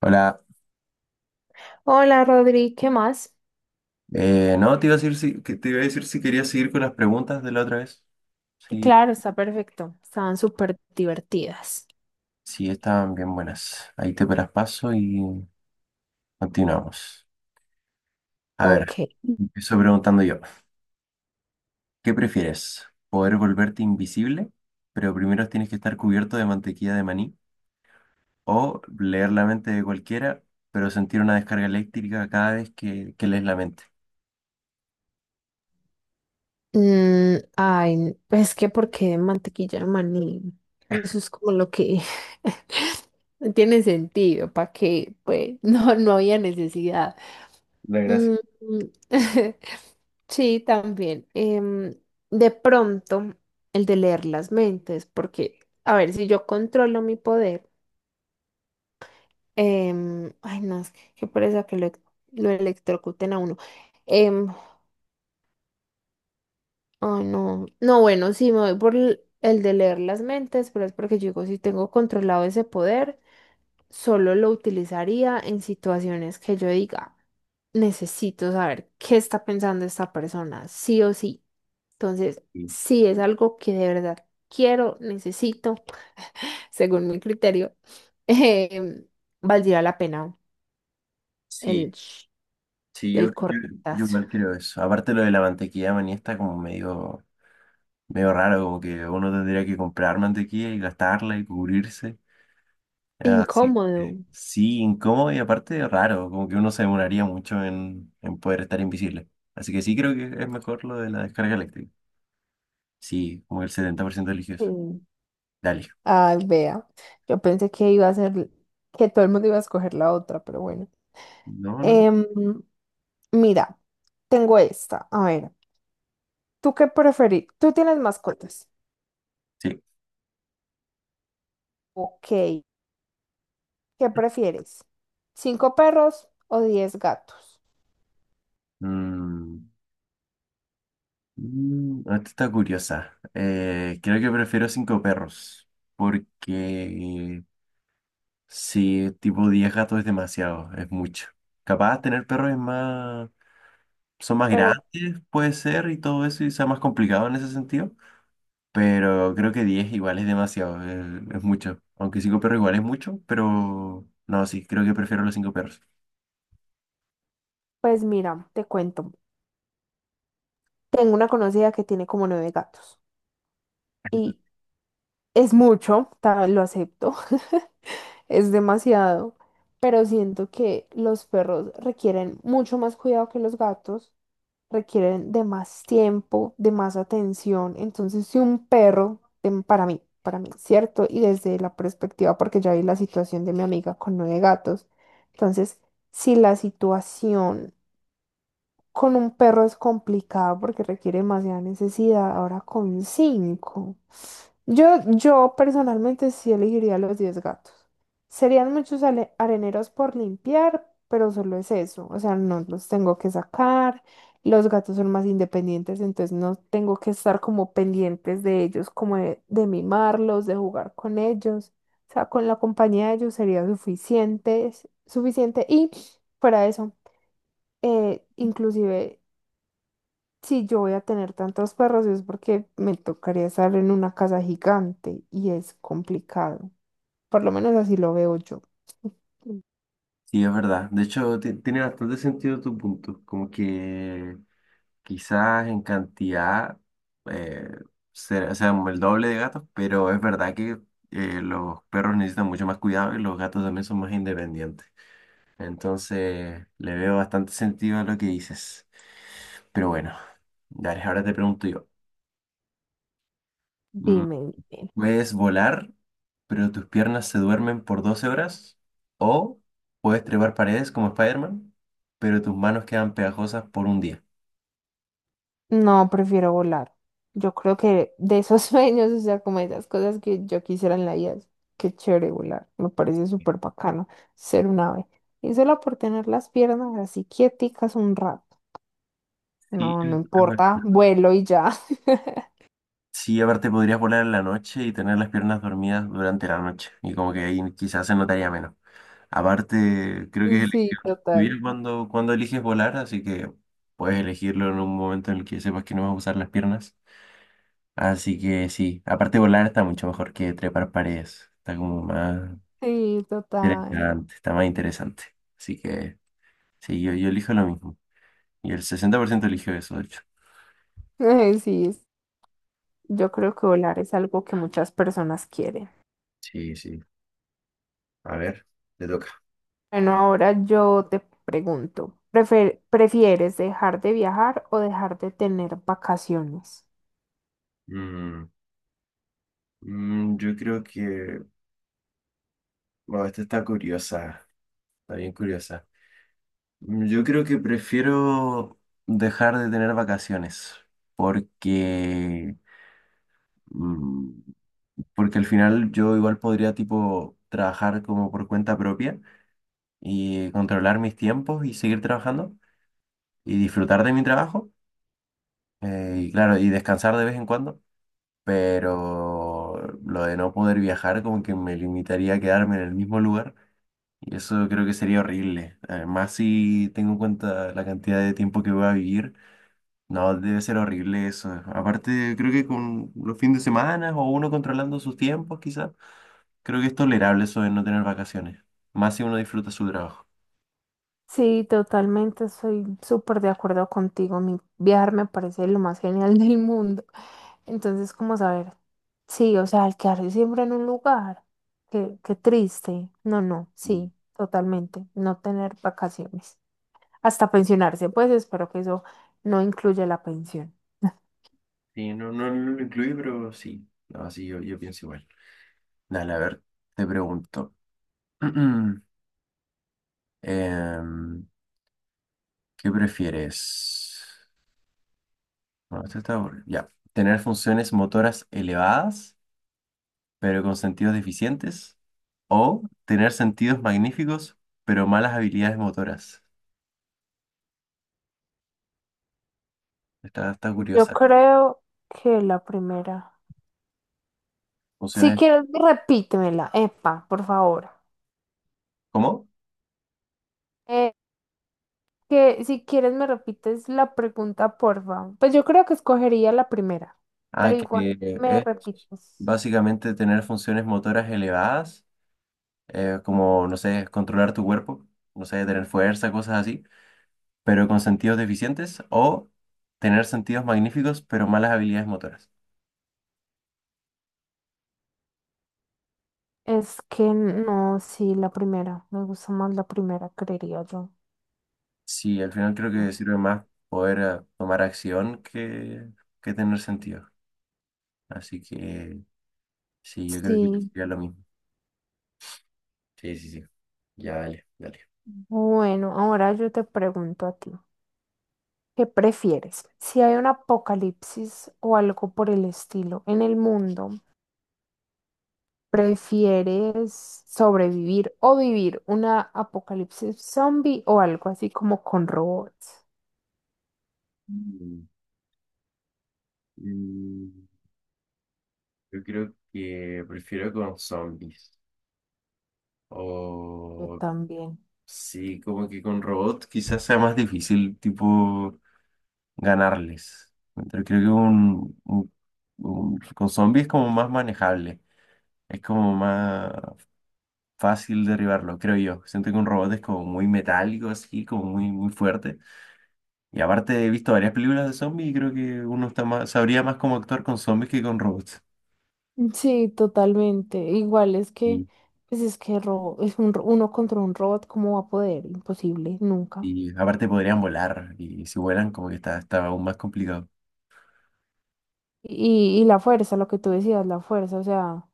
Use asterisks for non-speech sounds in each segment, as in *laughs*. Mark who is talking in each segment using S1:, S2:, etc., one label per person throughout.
S1: Hola,
S2: Hola Rodri, ¿qué más?
S1: no, te iba a decir si, que te iba a decir si querías seguir con las preguntas de la otra vez. Sí,
S2: Claro, está perfecto. Estaban súper divertidas.
S1: sí, estaban bien buenas. Ahí te paras paso y continuamos. A ver,
S2: Ok.
S1: empiezo preguntando yo. ¿Qué prefieres? ¿Poder volverte invisible, pero primero tienes que estar cubierto de mantequilla de maní? ¿O leer la mente de cualquiera, pero sentir una descarga eléctrica cada vez que lees la mente?
S2: Ay, es que ¿por qué mantequilla de maní? Eso es como lo que *laughs* no tiene sentido, ¿para qué? Pues no, no había necesidad.
S1: La gracia.
S2: Mm, *laughs* sí, también. De pronto, el de leer las mentes, porque, a ver, si yo controlo mi poder. Ay, no, es que qué pereza que lo electrocuten a uno. Em, Ay, no. No, bueno, sí, me voy por el de leer las mentes, pero es porque yo digo, si tengo controlado ese poder, solo lo utilizaría en situaciones que yo diga, necesito saber qué está pensando esta persona, sí o sí. Entonces, si es algo que de verdad quiero, necesito, según mi criterio, *laughs* em, valdría la pena
S1: Sí,
S2: el, sh-
S1: sí,
S2: el
S1: yo
S2: cortazo.
S1: igual creo eso. Aparte lo de la mantequilla de maní está como medio raro, como que uno tendría que comprar mantequilla y gastarla y cubrirse. Así,
S2: Incómodo.
S1: sí, sí, incómodo y aparte raro, como que uno se demoraría mucho en poder estar invisible. Así que sí creo que es mejor lo de la descarga eléctrica. Sí, como el 70%
S2: Sí.
S1: religioso. Dale.
S2: Ay, vea. Yo pensé que iba a ser, que todo el mundo iba a escoger la otra, pero bueno.
S1: No, no.
S2: Em, Mira, tengo esta. A ver, ¿tú qué preferís? ¿Tú tienes mascotas?
S1: Sí.
S2: Ok. ¿Qué prefieres? ¿Cinco perros o 10 gatos?
S1: Mm, ah, esta está curiosa. Creo que prefiero cinco perros porque... Sí, tipo 10 gatos es demasiado, es mucho. Capaz tener perros es más, son más
S2: Pero,
S1: grandes, puede ser, y todo eso, y sea más complicado en ese sentido. Pero creo que 10 igual es demasiado, es mucho. Aunque 5 perros igual es mucho, pero no, sí, creo que prefiero los 5 perros.
S2: pues mira, te cuento. Tengo una conocida que tiene como nueve gatos. Y es mucho, lo acepto. *laughs* Es demasiado, pero siento que los perros requieren mucho más cuidado que los gatos, requieren de más tiempo, de más atención. Entonces, si un perro, para mí, cierto, y desde la perspectiva, porque ya vi la situación de mi amiga con nueve gatos, entonces, si la situación con un perro es complicado porque requiere demasiada necesidad. Ahora con cinco. Yo personalmente sí elegiría los 10 gatos. Serían muchos areneros por limpiar, pero solo es eso. O sea, no los tengo que sacar. Los gatos son más independientes, entonces no tengo que estar como pendientes de ellos, como de mimarlos, de jugar con ellos. O sea, con la compañía de ellos sería suficiente, suficiente. Y fuera de eso inclusive si yo voy a tener tantos perros es porque me tocaría estar en una casa gigante y es complicado. Por lo menos así lo veo yo.
S1: Sí, es verdad. De hecho, tiene bastante sentido tu punto. Como que quizás en cantidad eh, sean el doble de gatos, pero es verdad que los perros necesitan mucho más cuidado y los gatos también son más independientes. Entonces le veo bastante sentido a lo que dices. Pero bueno, dale, ahora te pregunto yo. Mm,
S2: Dime,
S1: ¿Puedes volar, pero tus piernas se duermen por 12 horas? ¿O puedes trepar paredes como Spider-Man, pero tus manos quedan pegajosas por un día?
S2: no, prefiero volar. Yo creo que de esos *laughs* sueños, o sea, como esas cosas que yo quisiera en la vida, qué chévere volar. Me parece súper bacano ser un ave. Y solo por tener las piernas así quieticas un rato.
S1: Sí,
S2: No, no importa,
S1: es
S2: vuelo y ya. *laughs*
S1: Sí, aparte podrías volar en la noche y tener las piernas dormidas durante la noche. Y como que ahí quizás se notaría menos. Aparte, creo que es
S2: Sí,
S1: elección tuya
S2: total.
S1: cuando eliges volar, así que puedes elegirlo en un momento en el que sepas que no vas a usar las piernas. Así que sí, aparte volar está mucho mejor que trepar paredes. Está como más
S2: Sí, total.
S1: interesante, está más interesante. Así que sí, yo elijo lo mismo. Y el 60% eligió eso, de hecho.
S2: *laughs* Sí, yo creo que volar es algo que muchas personas quieren.
S1: Sí, sí. A ver, te toca.
S2: Bueno, ahora yo te pregunto, ¿¿prefieres dejar de viajar o dejar de tener vacaciones?
S1: Mm, yo creo que bueno, esta está curiosa, está bien curiosa. Mm, yo creo que prefiero dejar de tener vacaciones porque, mm, porque al final yo igual podría tipo trabajar como por cuenta propia y controlar mis tiempos y seguir trabajando y disfrutar de mi trabajo y claro, y descansar de vez en cuando, pero lo de no poder viajar como que me limitaría a quedarme en el mismo lugar. Y eso creo que sería horrible. Además, si tengo en cuenta la cantidad de tiempo que voy a vivir, no, debe ser horrible eso. Aparte, creo que con los fines de semana o uno controlando sus tiempos, quizás, creo que es tolerable eso de no tener vacaciones. Más si uno disfruta su trabajo.
S2: Sí, totalmente, estoy súper de acuerdo contigo. Mi viajar me parece lo más genial *laughs* del mundo. Entonces, ¿como saber? Sí, o sea, al quedarse siempre en un lugar, qué triste. No, no,
S1: Mm.
S2: sí, totalmente, no tener vacaciones. Hasta pensionarse, pues espero que eso no incluya la pensión.
S1: Sí, no, no, no lo incluí, pero sí. No, sí, yo pienso igual. Dale, a ver, te pregunto. *clears throat* Em, ¿qué prefieres? No, esto está aburrido. Ya. ¿Tener funciones motoras elevadas, pero con sentidos deficientes, o tener sentidos magníficos, pero malas habilidades motoras? Está, está
S2: Yo
S1: curiosa.
S2: creo que la primera. Si
S1: Funciones,
S2: quieres, repítemela, epa, por favor.
S1: ¿cómo?
S2: Eh, que si quieres me repites la pregunta, por favor. Pues yo creo que escogería la primera, pero
S1: Ah, que
S2: igual me
S1: es
S2: repites.
S1: básicamente tener funciones motoras elevadas, como, no sé, controlar tu cuerpo, no sé, tener fuerza, cosas así, pero con sentidos deficientes, o tener sentidos magníficos, pero malas habilidades motoras.
S2: Es que no, sí, la primera. Me gusta más la primera, creería yo.
S1: Sí, al final creo
S2: No
S1: que sirve
S2: sé.
S1: más poder tomar acción que tener sentido. Así que... Sí, yo creo que
S2: Sí,
S1: sería lo mismo. Sí, sí, sí. Ya, dale, dale.
S2: bueno, ahora yo te pregunto a ti, ¿qué prefieres? Si hay un apocalipsis o algo por el estilo en el mundo, ¿prefieres sobrevivir o vivir una apocalipsis zombie o algo así como con robots?
S1: Mm, Mm, Yo creo que prefiero con zombies.
S2: Yo
S1: O
S2: también.
S1: sí, como que con robots quizás sea más difícil, tipo, ganarles. Pero creo que con zombies es como más manejable. Es como más fácil derribarlo, creo yo. Siento que un robot es como muy metálico, así, como muy fuerte. Y aparte he visto varias películas de zombies y creo que uno está más, sabría más cómo actuar con zombies que con robots.
S2: Sí, totalmente. Igual es que,
S1: Y,
S2: pues es que uno contra un robot, ¿cómo va a poder? Imposible, nunca.
S1: y aparte podrían volar y si vuelan como que está, está aún más complicado.
S2: Y la fuerza, lo que tú decías, la fuerza, o sea,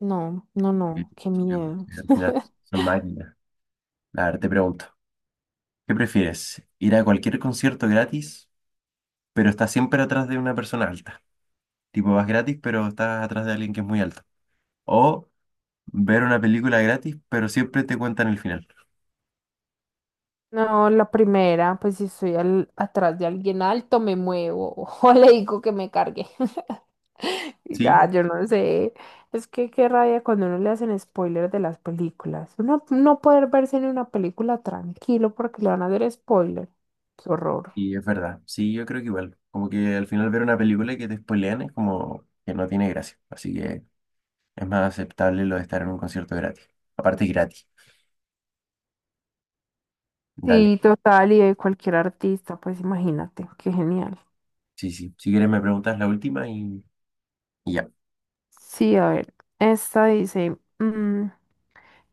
S2: no, no,
S1: Y-
S2: no, qué miedo.
S1: y al final son máquinas. A ver, te pregunto, ¿qué prefieres? ¿Ir a cualquier concierto gratis, pero estás siempre atrás de una persona alta? Tipo, vas gratis, pero estás atrás de alguien que es muy alto. ¿O ver una película gratis, pero siempre te cuentan el final?
S2: No, la primera, pues si estoy atrás de alguien alto, me muevo *laughs* o le digo que me cargue. *laughs* Y
S1: ¿Sí?
S2: ya, yo no sé. Es que qué rabia cuando uno le hacen spoilers de las películas. Uno no poder verse en una película tranquilo porque le van a hacer spoiler. Qué horror.
S1: Y es verdad, sí, yo creo que igual, como que al final ver una película y que te spoilean es como que no tiene gracia, así que es más aceptable lo de estar en un concierto gratis, aparte gratis, dale,
S2: Sí, total, y de cualquier artista, pues imagínate, qué genial.
S1: sí, sí, si quieres me preguntas la última y ya.
S2: Sí, a ver, esta dice,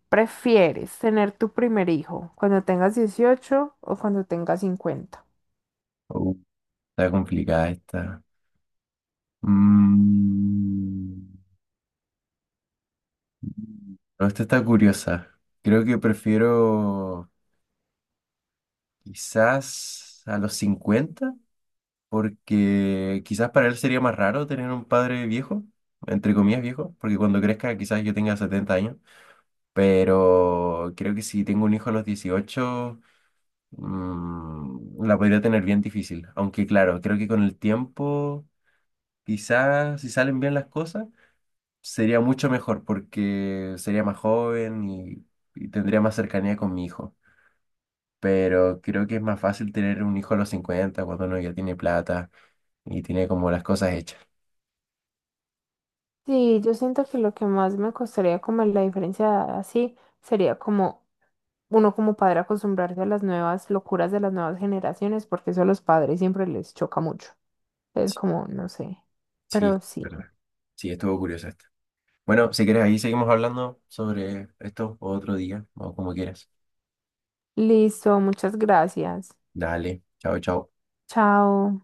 S2: ¿prefieres tener tu primer hijo cuando tengas 18 o cuando tengas 50?
S1: Uh, está complicada esta. Mm. No, esta está curiosa, creo que prefiero quizás a los 50 porque quizás para él sería más raro tener un padre viejo, entre comillas viejo, porque cuando crezca quizás yo tenga 70 años, pero creo que si tengo un hijo a los 18 mm, la podría tener bien difícil, aunque claro, creo que con el tiempo, quizás si salen bien las cosas, sería mucho mejor porque sería más joven y tendría más cercanía con mi hijo. Pero creo que es más fácil tener un hijo a los 50 cuando uno ya tiene plata y tiene como las cosas hechas.
S2: Sí, yo siento que lo que más me costaría como la diferencia de edad así sería como uno como padre acostumbrarse a las nuevas locuras de las nuevas generaciones, porque eso a los padres siempre les choca mucho. Es como, no sé,
S1: Sí,
S2: pero sí.
S1: verdad. Sí, estuvo curiosa esta. Bueno, si quieres, ahí seguimos hablando sobre esto otro día o como quieras.
S2: Listo, muchas gracias.
S1: Dale, chao, chao.
S2: Chao.